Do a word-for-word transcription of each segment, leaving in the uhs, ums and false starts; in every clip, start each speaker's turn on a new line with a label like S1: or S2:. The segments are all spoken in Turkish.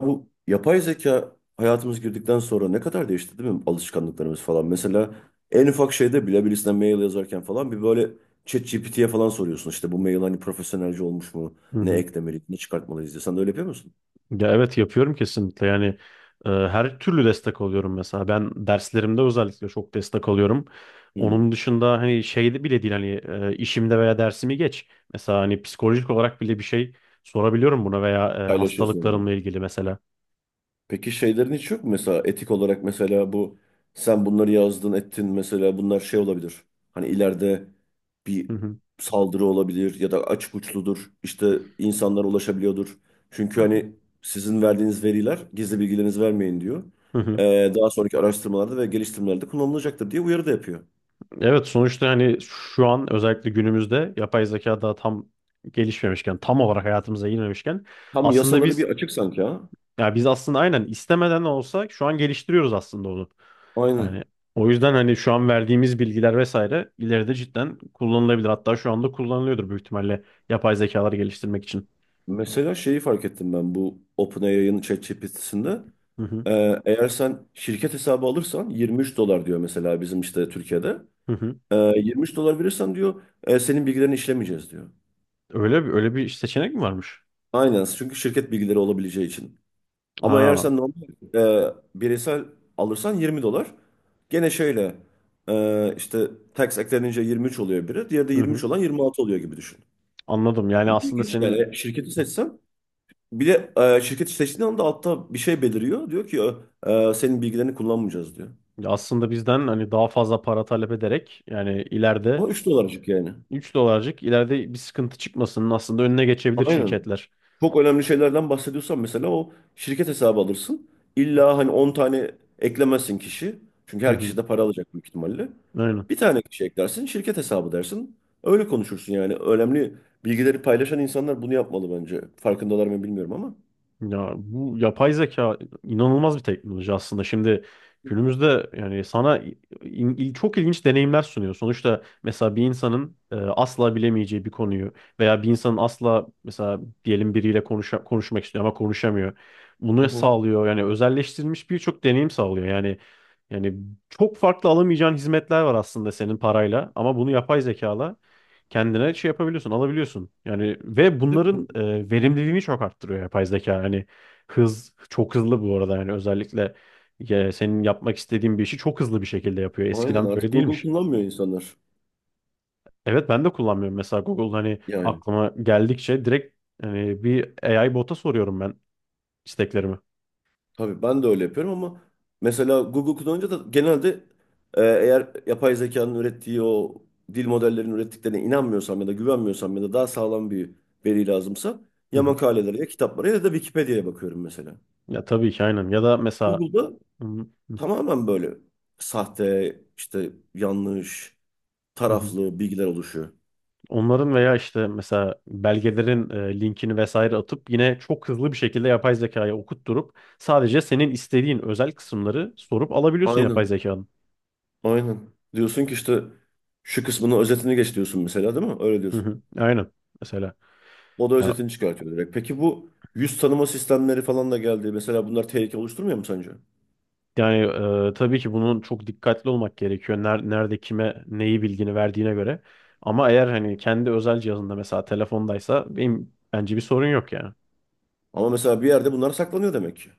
S1: Bu yapay zeka hayatımız girdikten sonra ne kadar değişti değil mi, alışkanlıklarımız falan. Mesela en ufak şeyde bile birisine mail yazarken falan bir böyle ChatGPT'ye falan soruyorsun. İşte bu mail hani profesyonelce olmuş mu?
S2: Hı
S1: Ne
S2: hı.
S1: eklemeliyiz, ne çıkartmalıyız diye. Sen de öyle yapıyor musun?
S2: Ya evet yapıyorum kesinlikle yani e, her türlü destek alıyorum mesela ben derslerimde özellikle çok destek alıyorum.
S1: Hı.
S2: Onun dışında hani şeyde bile değil hani e, işimde veya dersimi geç. Mesela hani psikolojik olarak bile bir şey sorabiliyorum buna veya e,
S1: Paylaşıyorsun.
S2: hastalıklarımla ilgili mesela.
S1: Peki şeylerin hiç yok mu mesela etik olarak, mesela bu sen bunları yazdın ettin mesela bunlar şey olabilir. Hani ileride bir
S2: Hı hı,
S1: saldırı olabilir ya da açık uçludur işte insanlara ulaşabiliyordur. Çünkü
S2: hı hı,
S1: hani sizin verdiğiniz veriler, gizli bilgilerinizi vermeyin diyor.
S2: hı hı.
S1: Ee, daha sonraki araştırmalarda ve geliştirmelerde kullanılacaktır diye uyarı da yapıyor.
S2: Evet sonuçta hani şu an özellikle günümüzde yapay zeka daha tam gelişmemişken tam olarak hayatımıza girmemişken
S1: Tam
S2: aslında
S1: yasaları bir
S2: biz.
S1: açık sanki ha.
S2: Ya biz aslında aynen istemeden de olsa şu an geliştiriyoruz aslında onu.
S1: Aynen.
S2: Yani o yüzden hani şu an verdiğimiz bilgiler vesaire ileride cidden kullanılabilir. Hatta şu anda kullanılıyordur büyük ihtimalle yapay zekalar geliştirmek için.
S1: Mesela şeyi fark ettim ben bu OpenAI'ın ChatGPT'sinde.
S2: Hı hı,
S1: Ee, eğer sen şirket hesabı alırsan yirmi üç dolar diyor mesela, bizim işte Türkiye'de.
S2: hı hı.
S1: Ee, yirmi üç dolar verirsen diyor, "e, senin bilgilerini işlemeyeceğiz" diyor.
S2: Öyle bir öyle bir seçenek mi varmış?
S1: Aynen, çünkü şirket bilgileri olabileceği için. Ama eğer
S2: Aa,
S1: sen normal, e, bireysel alırsan yirmi dolar. Gene şöyle, e, işte tax eklenince yirmi üç oluyor biri. Diğeri de
S2: hı
S1: yirmi üç
S2: hı.
S1: olan yirmi altı oluyor gibi düşün.
S2: Anladım. Yani
S1: Ama
S2: aslında
S1: ilginç
S2: senin
S1: yani, şirketi seçsen bir de, e, şirketi seçtiğin anda altta bir şey beliriyor. Diyor ki e, e, senin bilgilerini kullanmayacağız diyor.
S2: aslında bizden hani daha fazla para talep ederek yani ileride
S1: O üç dolarcık yani.
S2: üç dolarcık ileride bir sıkıntı çıkmasının aslında önüne geçebilir
S1: Aynen.
S2: şirketler.
S1: Çok önemli şeylerden bahsediyorsan mesela o şirket hesabı alırsın. İlla hani on tane eklemezsin kişi. Çünkü
S2: Hı
S1: her kişi
S2: hı.
S1: de para alacak büyük ihtimalle.
S2: Aynen.
S1: Bir tane kişi eklersin, şirket hesabı dersin. Öyle konuşursun yani. Önemli bilgileri paylaşan insanlar bunu yapmalı bence. Farkındalar mı bilmiyorum ama.
S2: Ya bu yapay zeka inanılmaz bir teknoloji aslında. Şimdi günümüzde yani sana in- il- çok ilginç deneyimler sunuyor. Sonuçta mesela bir insanın e, asla bilemeyeceği bir konuyu veya bir insanın asla mesela diyelim biriyle konuşa- konuşmak istiyor ama konuşamıyor.
S1: Hı
S2: Bunu
S1: hı.
S2: sağlıyor. Yani özelleştirilmiş birçok deneyim sağlıyor. Yani yani çok farklı alamayacağın hizmetler var aslında senin parayla ama bunu yapay zekala kendine şey yapabiliyorsun, alabiliyorsun. Yani ve
S1: Ve bu-
S2: bunların e, verimliliğini çok arttırıyor yapay zeka. Hani hız çok hızlı bu arada yani özellikle e, senin yapmak istediğin bir işi çok hızlı bir şekilde yapıyor.
S1: Aynen,
S2: Eskiden böyle
S1: artık Google
S2: değilmiş.
S1: kullanmıyor insanlar.
S2: Evet ben de kullanmıyorum mesela Google hani
S1: Yani.
S2: aklıma geldikçe direkt hani bir A I bota soruyorum ben isteklerimi.
S1: Tabii ben de öyle yapıyorum ama mesela Google kullanınca da genelde, e, eğer yapay zekanın ürettiği o dil modellerinin ürettiklerine inanmıyorsam ya da güvenmiyorsam ya da daha sağlam bir veri lazımsa
S2: Hı
S1: ya
S2: hı.
S1: makalelere ya kitaplara ya da Wikipedia'ya bakıyorum mesela.
S2: Ya tabii ki aynen. Ya da mesela
S1: Google'da
S2: hı hı,
S1: tamamen böyle sahte, işte yanlış,
S2: hı hı.
S1: taraflı bilgiler oluşuyor.
S2: Onların veya işte mesela belgelerin e, linkini vesaire atıp yine çok hızlı bir şekilde yapay zekaya okutturup sadece senin istediğin özel kısımları sorup alabiliyorsun yapay
S1: Aynen.
S2: zekanın.
S1: Aynen. Diyorsun ki işte şu kısmını özetini geç diyorsun mesela, değil mi? Öyle
S2: Hı
S1: diyorsun.
S2: hı. Aynen. Mesela
S1: O da
S2: ya
S1: özetini çıkartıyor direkt. Peki bu yüz tanıma sistemleri falan da geldi. Mesela bunlar tehlike oluşturmuyor mu sence?
S2: yani e, tabii ki bunun çok dikkatli olmak gerekiyor. Ner- nerede kime neyi bilgini verdiğine göre. Ama eğer hani kendi özel cihazında mesela telefondaysa benim bence bir sorun yok yani.
S1: Ama mesela bir yerde bunlar saklanıyor demek ki.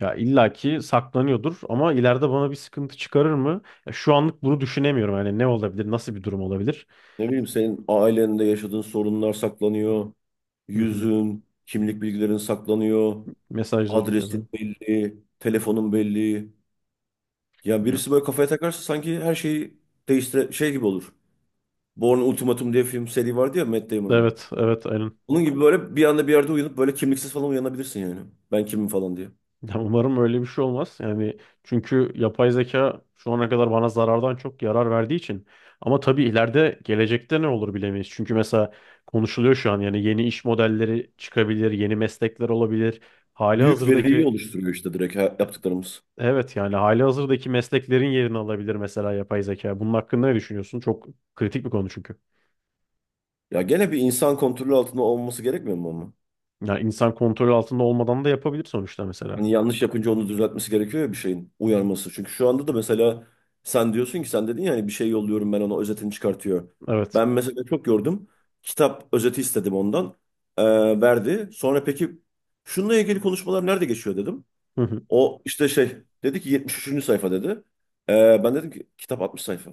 S2: Ya illaki saklanıyordur ama ileride bana bir sıkıntı çıkarır mı? Ya şu anlık bunu düşünemiyorum. Yani ne olabilir, nasıl bir durum olabilir?
S1: Ne bileyim, senin ailende yaşadığın sorunlar saklanıyor.
S2: Hı hı.
S1: Yüzün, kimlik bilgilerin saklanıyor.
S2: Mesajlarım keza.
S1: Adresin belli, telefonun belli. Ya
S2: Yani,
S1: birisi böyle kafaya takarsa sanki her şeyi değiştire şey gibi olur. Born Ultimatum diye film seri vardı ya, Matt Damon'ın.
S2: evet, evet, aynen.
S1: Onun gibi böyle bir anda bir yerde uyanıp böyle kimliksiz falan uyanabilirsin yani. Ben kimim falan diye.
S2: Ya umarım öyle bir şey olmaz. Yani çünkü yapay zeka şu ana kadar bana zarardan çok yarar verdiği için. Ama tabii ileride gelecekte ne olur bilemeyiz. Çünkü mesela konuşuluyor şu an yani yeni iş modelleri çıkabilir, yeni meslekler olabilir. Hali
S1: Büyük veriyi
S2: hazırdaki.
S1: oluşturuyor işte direkt ha-
S2: E-
S1: yaptıklarımız.
S2: evet yani hali hazırdaki mesleklerin yerini alabilir mesela yapay zeka. Bunun hakkında ne düşünüyorsun? Çok kritik bir konu çünkü.
S1: Ya gene bir insan kontrolü altında olması gerekmiyor mu ama?
S2: Ya insan kontrol altında olmadan da yapabilir sonuçta mesela.
S1: Hani yanlış yapınca onu düzeltmesi gerekiyor ya, bir şeyin uyarması. Çünkü şu anda da mesela sen diyorsun ki, sen dedin ya hani, bir şey yolluyorum ben ona, özetini çıkartıyor.
S2: Evet.
S1: Ben mesela çok gördüm. Kitap özeti istedim ondan. Ee, verdi. Sonra peki şununla ilgili konuşmalar nerede geçiyor dedim. O işte şey dedi ki yetmiş üçüncü sayfa dedi. Ee, ben dedim ki kitap altmış sayfa.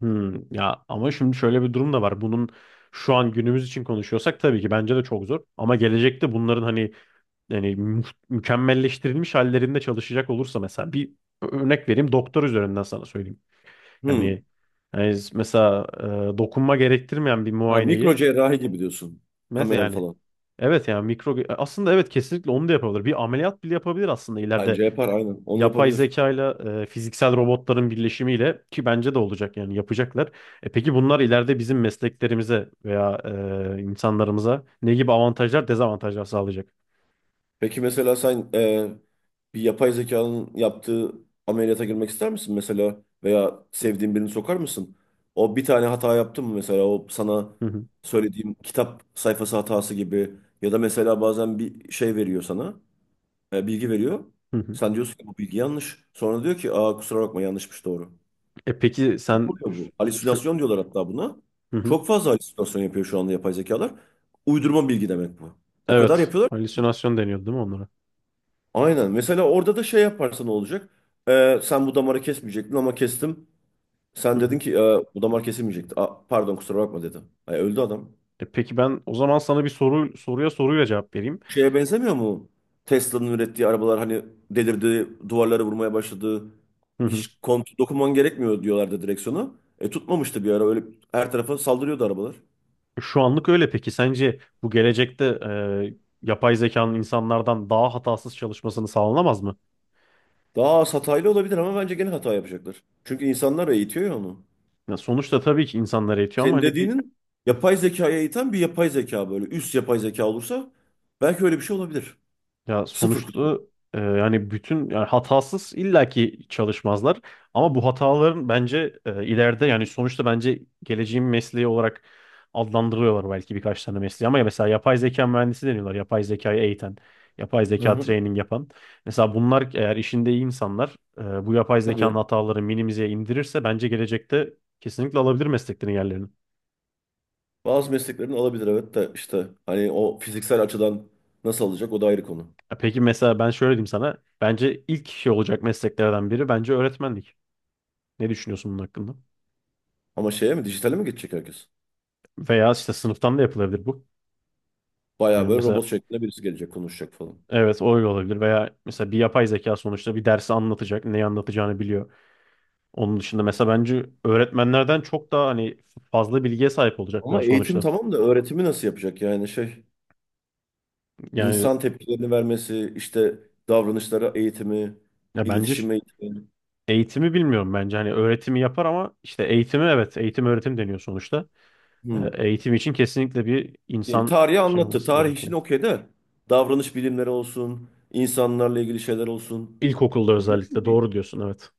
S2: Hmm, ya ama şimdi şöyle bir durum da var. Bunun şu an günümüz için konuşuyorsak tabii ki bence de çok zor. Ama gelecekte bunların hani yani mü- mükemmelleştirilmiş hallerinde çalışacak olursa mesela bir örnek vereyim doktor üzerinden sana söyleyeyim. Yani,
S1: Hmm.
S2: yani mesela e, dokunma gerektirmeyen bir
S1: Ha, mikro
S2: muayeneyi
S1: cerrahi gibi diyorsun.
S2: mesela
S1: Kameralı
S2: yani
S1: falan.
S2: evet yani mikro aslında evet kesinlikle onu da yapabilir. Bir ameliyat bile yapabilir aslında ileride
S1: Bence yapar aynen. Onu
S2: yapay
S1: yapabilir.
S2: zekayla e, fiziksel robotların birleşimiyle ki bence de olacak yani yapacaklar. E peki bunlar ileride bizim mesleklerimize veya e, insanlarımıza ne gibi avantajlar, dezavantajlar sağlayacak?
S1: Peki mesela sen, e, bir yapay zekanın yaptığı ameliyata girmek ister misin mesela? Veya sevdiğin birini sokar mısın? O bir tane hata yaptı mı mesela? O sana
S2: Hı hı,
S1: söylediğim kitap sayfası hatası gibi. Ya da mesela bazen bir şey veriyor sana, e, bilgi veriyor.
S2: hı hı.
S1: Sen diyorsun ki bu bilgi yanlış. Sonra diyor ki, aa, kusura bakma, yanlışmış, doğru.
S2: E peki
S1: Ne
S2: sen
S1: oluyor bu?
S2: şu,
S1: Halüsinasyon diyorlar hatta buna.
S2: hı hı.
S1: Çok fazla halüsinasyon yapıyor şu anda yapay zekalar. Uydurma bilgi demek bu. O kadar
S2: Evet,
S1: yapıyorlar.
S2: halüsinasyon deniyordu değil mi onlara?
S1: Aynen. Mesela orada da şey yaparsa ne olacak? Ee, sen bu damarı kesmeyecektin ama kestim.
S2: Hı
S1: Sen
S2: hı.
S1: dedin ki, "Ee, bu damar kesilmeyecekti." Aa, pardon, kusura bakma dedi. Ay, öldü adam.
S2: E peki ben o zaman sana bir soru soruya soruyla cevap vereyim.
S1: Şeye benzemiyor mu? Tesla'nın ürettiği arabalar hani delirdi, duvarlara vurmaya başladı.
S2: Hı hı.
S1: Hiç kontrol dokunman gerekmiyor diyorlardı, direksiyonu. E tutmamıştı bir ara, öyle her tarafa saldırıyordu arabalar.
S2: Şu anlık öyle peki sence bu gelecekte e, yapay zekanın insanlardan daha hatasız çalışmasını sağlanamaz mı?
S1: Daha az hataylı olabilir ama bence gene hata yapacaklar. Çünkü insanlar eğitiyor ya onu.
S2: Ya sonuçta tabii ki insanlar eğitiyor ama
S1: Senin
S2: hani bir
S1: dediğinin, yapay zekaya iten bir yapay zeka böyle, üst yapay zeka olursa belki öyle bir şey olabilir.
S2: ya
S1: Sıfır kutu.
S2: sonuçta e, yani bütün yani hatasız illaki çalışmazlar ama bu hataların bence e, ileride yani sonuçta bence geleceğin mesleği olarak adlandırıyorlar belki birkaç tane mesleği ama ya mesela yapay zeka mühendisi deniyorlar yapay zekayı eğiten yapay
S1: Hı
S2: zeka
S1: hı.
S2: training yapan mesela bunlar eğer işinde iyi insanlar e, bu yapay zekanın
S1: Tabii,
S2: hataları minimize indirirse bence gelecekte kesinlikle alabilir mesleklerin yerlerini.
S1: bazı mesleklerin alabilir evet, de işte hani o fiziksel açıdan nasıl alacak, o da ayrı konu.
S2: Ya peki mesela ben şöyle diyeyim sana. Bence ilk şey olacak mesleklerden biri bence öğretmenlik. Ne düşünüyorsun bunun hakkında?
S1: Ama şeye mi, dijitale mi geçecek herkes?
S2: Veya işte sınıftan da yapılabilir bu.
S1: Bayağı
S2: Yani
S1: böyle
S2: mesela
S1: robot şeklinde birisi gelecek konuşacak falan.
S2: evet o öyle olabilir. Veya mesela bir yapay zeka sonuçta bir dersi anlatacak. Neyi anlatacağını biliyor. Onun dışında mesela bence öğretmenlerden çok daha hani fazla bilgiye sahip olacaklar
S1: Ama eğitim
S2: sonuçta.
S1: tamam da öğretimi nasıl yapacak yani, şey
S2: Yani
S1: insan tepkilerini vermesi, işte davranışlara eğitimi,
S2: ya bence ş-
S1: iletişim eğitimi.
S2: eğitimi bilmiyorum bence. Hani öğretimi yapar ama işte eğitimi evet eğitim öğretim deniyor sonuçta.
S1: Hı.
S2: Ee, Eğitim için kesinlikle bir
S1: Yani
S2: insan
S1: tarihi
S2: şey
S1: anlattı,
S2: olması
S1: tarih için
S2: gerekiyor.
S1: okey de davranış bilimleri olsun, insanlarla ilgili şeyler olsun.
S2: İlkokulda
S1: Ne
S2: özellikle
S1: bileyim, bir
S2: doğru diyorsun evet.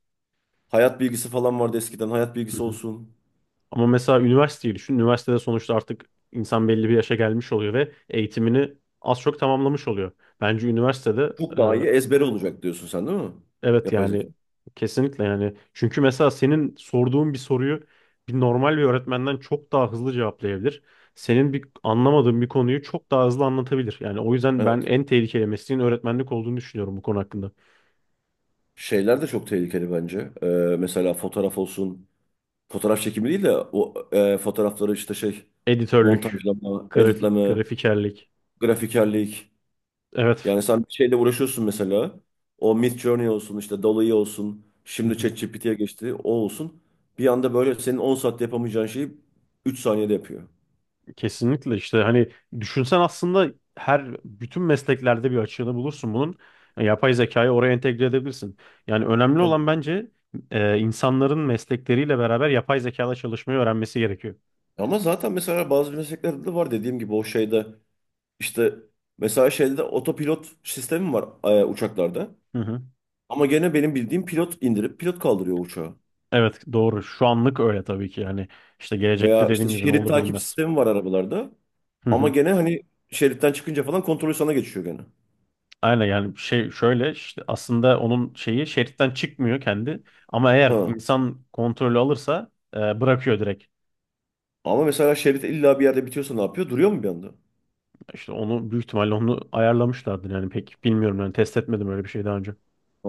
S1: hayat bilgisi falan vardı eskiden. Hayat
S2: Hı
S1: bilgisi
S2: hı.
S1: olsun.
S2: Ama mesela üniversiteyi düşün. Üniversitede sonuçta artık insan belli bir yaşa gelmiş oluyor ve eğitimini az çok tamamlamış oluyor. Bence üniversitede
S1: Çok daha
S2: e,
S1: iyi ezbere olacak diyorsun sen, değil mi?
S2: evet
S1: Yapay zeka.
S2: yani kesinlikle yani. Çünkü mesela senin sorduğun bir soruyu bir normal bir öğretmenden çok daha hızlı cevaplayabilir. Senin bir anlamadığın bir konuyu çok daha hızlı anlatabilir. Yani o yüzden ben
S1: Evet.
S2: en tehlikeli mesleğin öğretmenlik olduğunu düşünüyorum bu konu hakkında.
S1: Şeyler de çok tehlikeli bence. Ee, mesela fotoğraf olsun. Fotoğraf çekimi değil de o, e, fotoğrafları işte şey
S2: Editörlük,
S1: montajlama,
S2: grafik,
S1: editleme,
S2: grafikerlik.
S1: grafikerlik.
S2: Evet.
S1: Yani sen bir şeyle uğraşıyorsun mesela. O Midjourney olsun, işte Dall-E olsun.
S2: Hı
S1: Şimdi
S2: hı.
S1: ChatGPT'ye geçti. O olsun. Bir anda böyle senin on saatte yapamayacağın şeyi üç saniyede yapıyor.
S2: Kesinlikle işte hani düşünsen aslında her bütün mesleklerde bir açığını bulursun bunun. Yani yapay zekayı oraya entegre edebilirsin. Yani önemli olan
S1: Tabii.
S2: bence e, insanların meslekleriyle beraber yapay zekada çalışmayı öğrenmesi gerekiyor.
S1: Ama zaten mesela bazı mesleklerde de var dediğim gibi, o şeyde işte, mesela şeyde de otopilot sistemi var, e, uçaklarda.
S2: Hı hı.
S1: Ama gene benim bildiğim pilot indirip pilot kaldırıyor uçağı.
S2: Evet doğru. Şu anlık öyle tabii ki yani işte gelecekte
S1: Veya işte
S2: dediğim gibi ne
S1: şerit
S2: olur
S1: takip
S2: bilinmez.
S1: sistemi var arabalarda.
S2: Hı
S1: Ama
S2: hı.
S1: gene hani şeritten çıkınca falan kontrolü sana geçiyor gene.
S2: Aynen yani şey şöyle işte aslında onun şeyi şeritten çıkmıyor kendi ama eğer
S1: Ha.
S2: insan kontrolü alırsa e, bırakıyor direkt.
S1: Ama mesela şerit illa bir yerde bitiyorsa ne yapıyor? Duruyor mu bir anda?
S2: İşte onu büyük ihtimalle onu ayarlamışlardır yani pek bilmiyorum yani test etmedim öyle bir şey daha önce.
S1: Ha.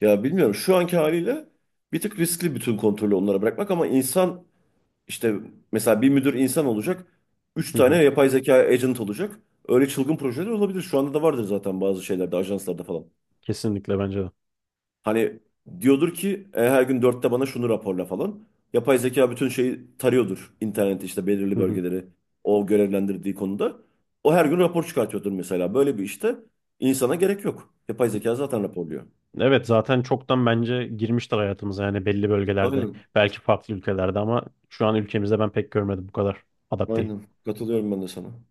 S1: Ya bilmiyorum. Şu anki haliyle bir tık riskli bütün kontrolü onlara bırakmak, ama insan işte mesela bir müdür insan olacak. Üç
S2: Hı hı.
S1: tane yapay zeka agent olacak. Öyle çılgın projeler olabilir. Şu anda da vardır zaten bazı şeylerde, ajanslarda falan.
S2: Kesinlikle bence de.
S1: Hani diyordur ki, "E, her gün dörtte bana şunu raporla" falan. Yapay zeka bütün şeyi tarıyordur internette, işte belirli
S2: Hı hı.
S1: bölgeleri, o görevlendirdiği konuda. O her gün rapor çıkartıyordur mesela. Böyle bir işte insana gerek yok, yapay zeka zaten raporluyor.
S2: Evet zaten çoktan bence girmiştir hayatımıza yani belli bölgelerde
S1: Aynen.
S2: belki farklı ülkelerde ama şu an ülkemizde ben pek görmedim bu kadar adapte
S1: Aynen. Katılıyorum ben de sana.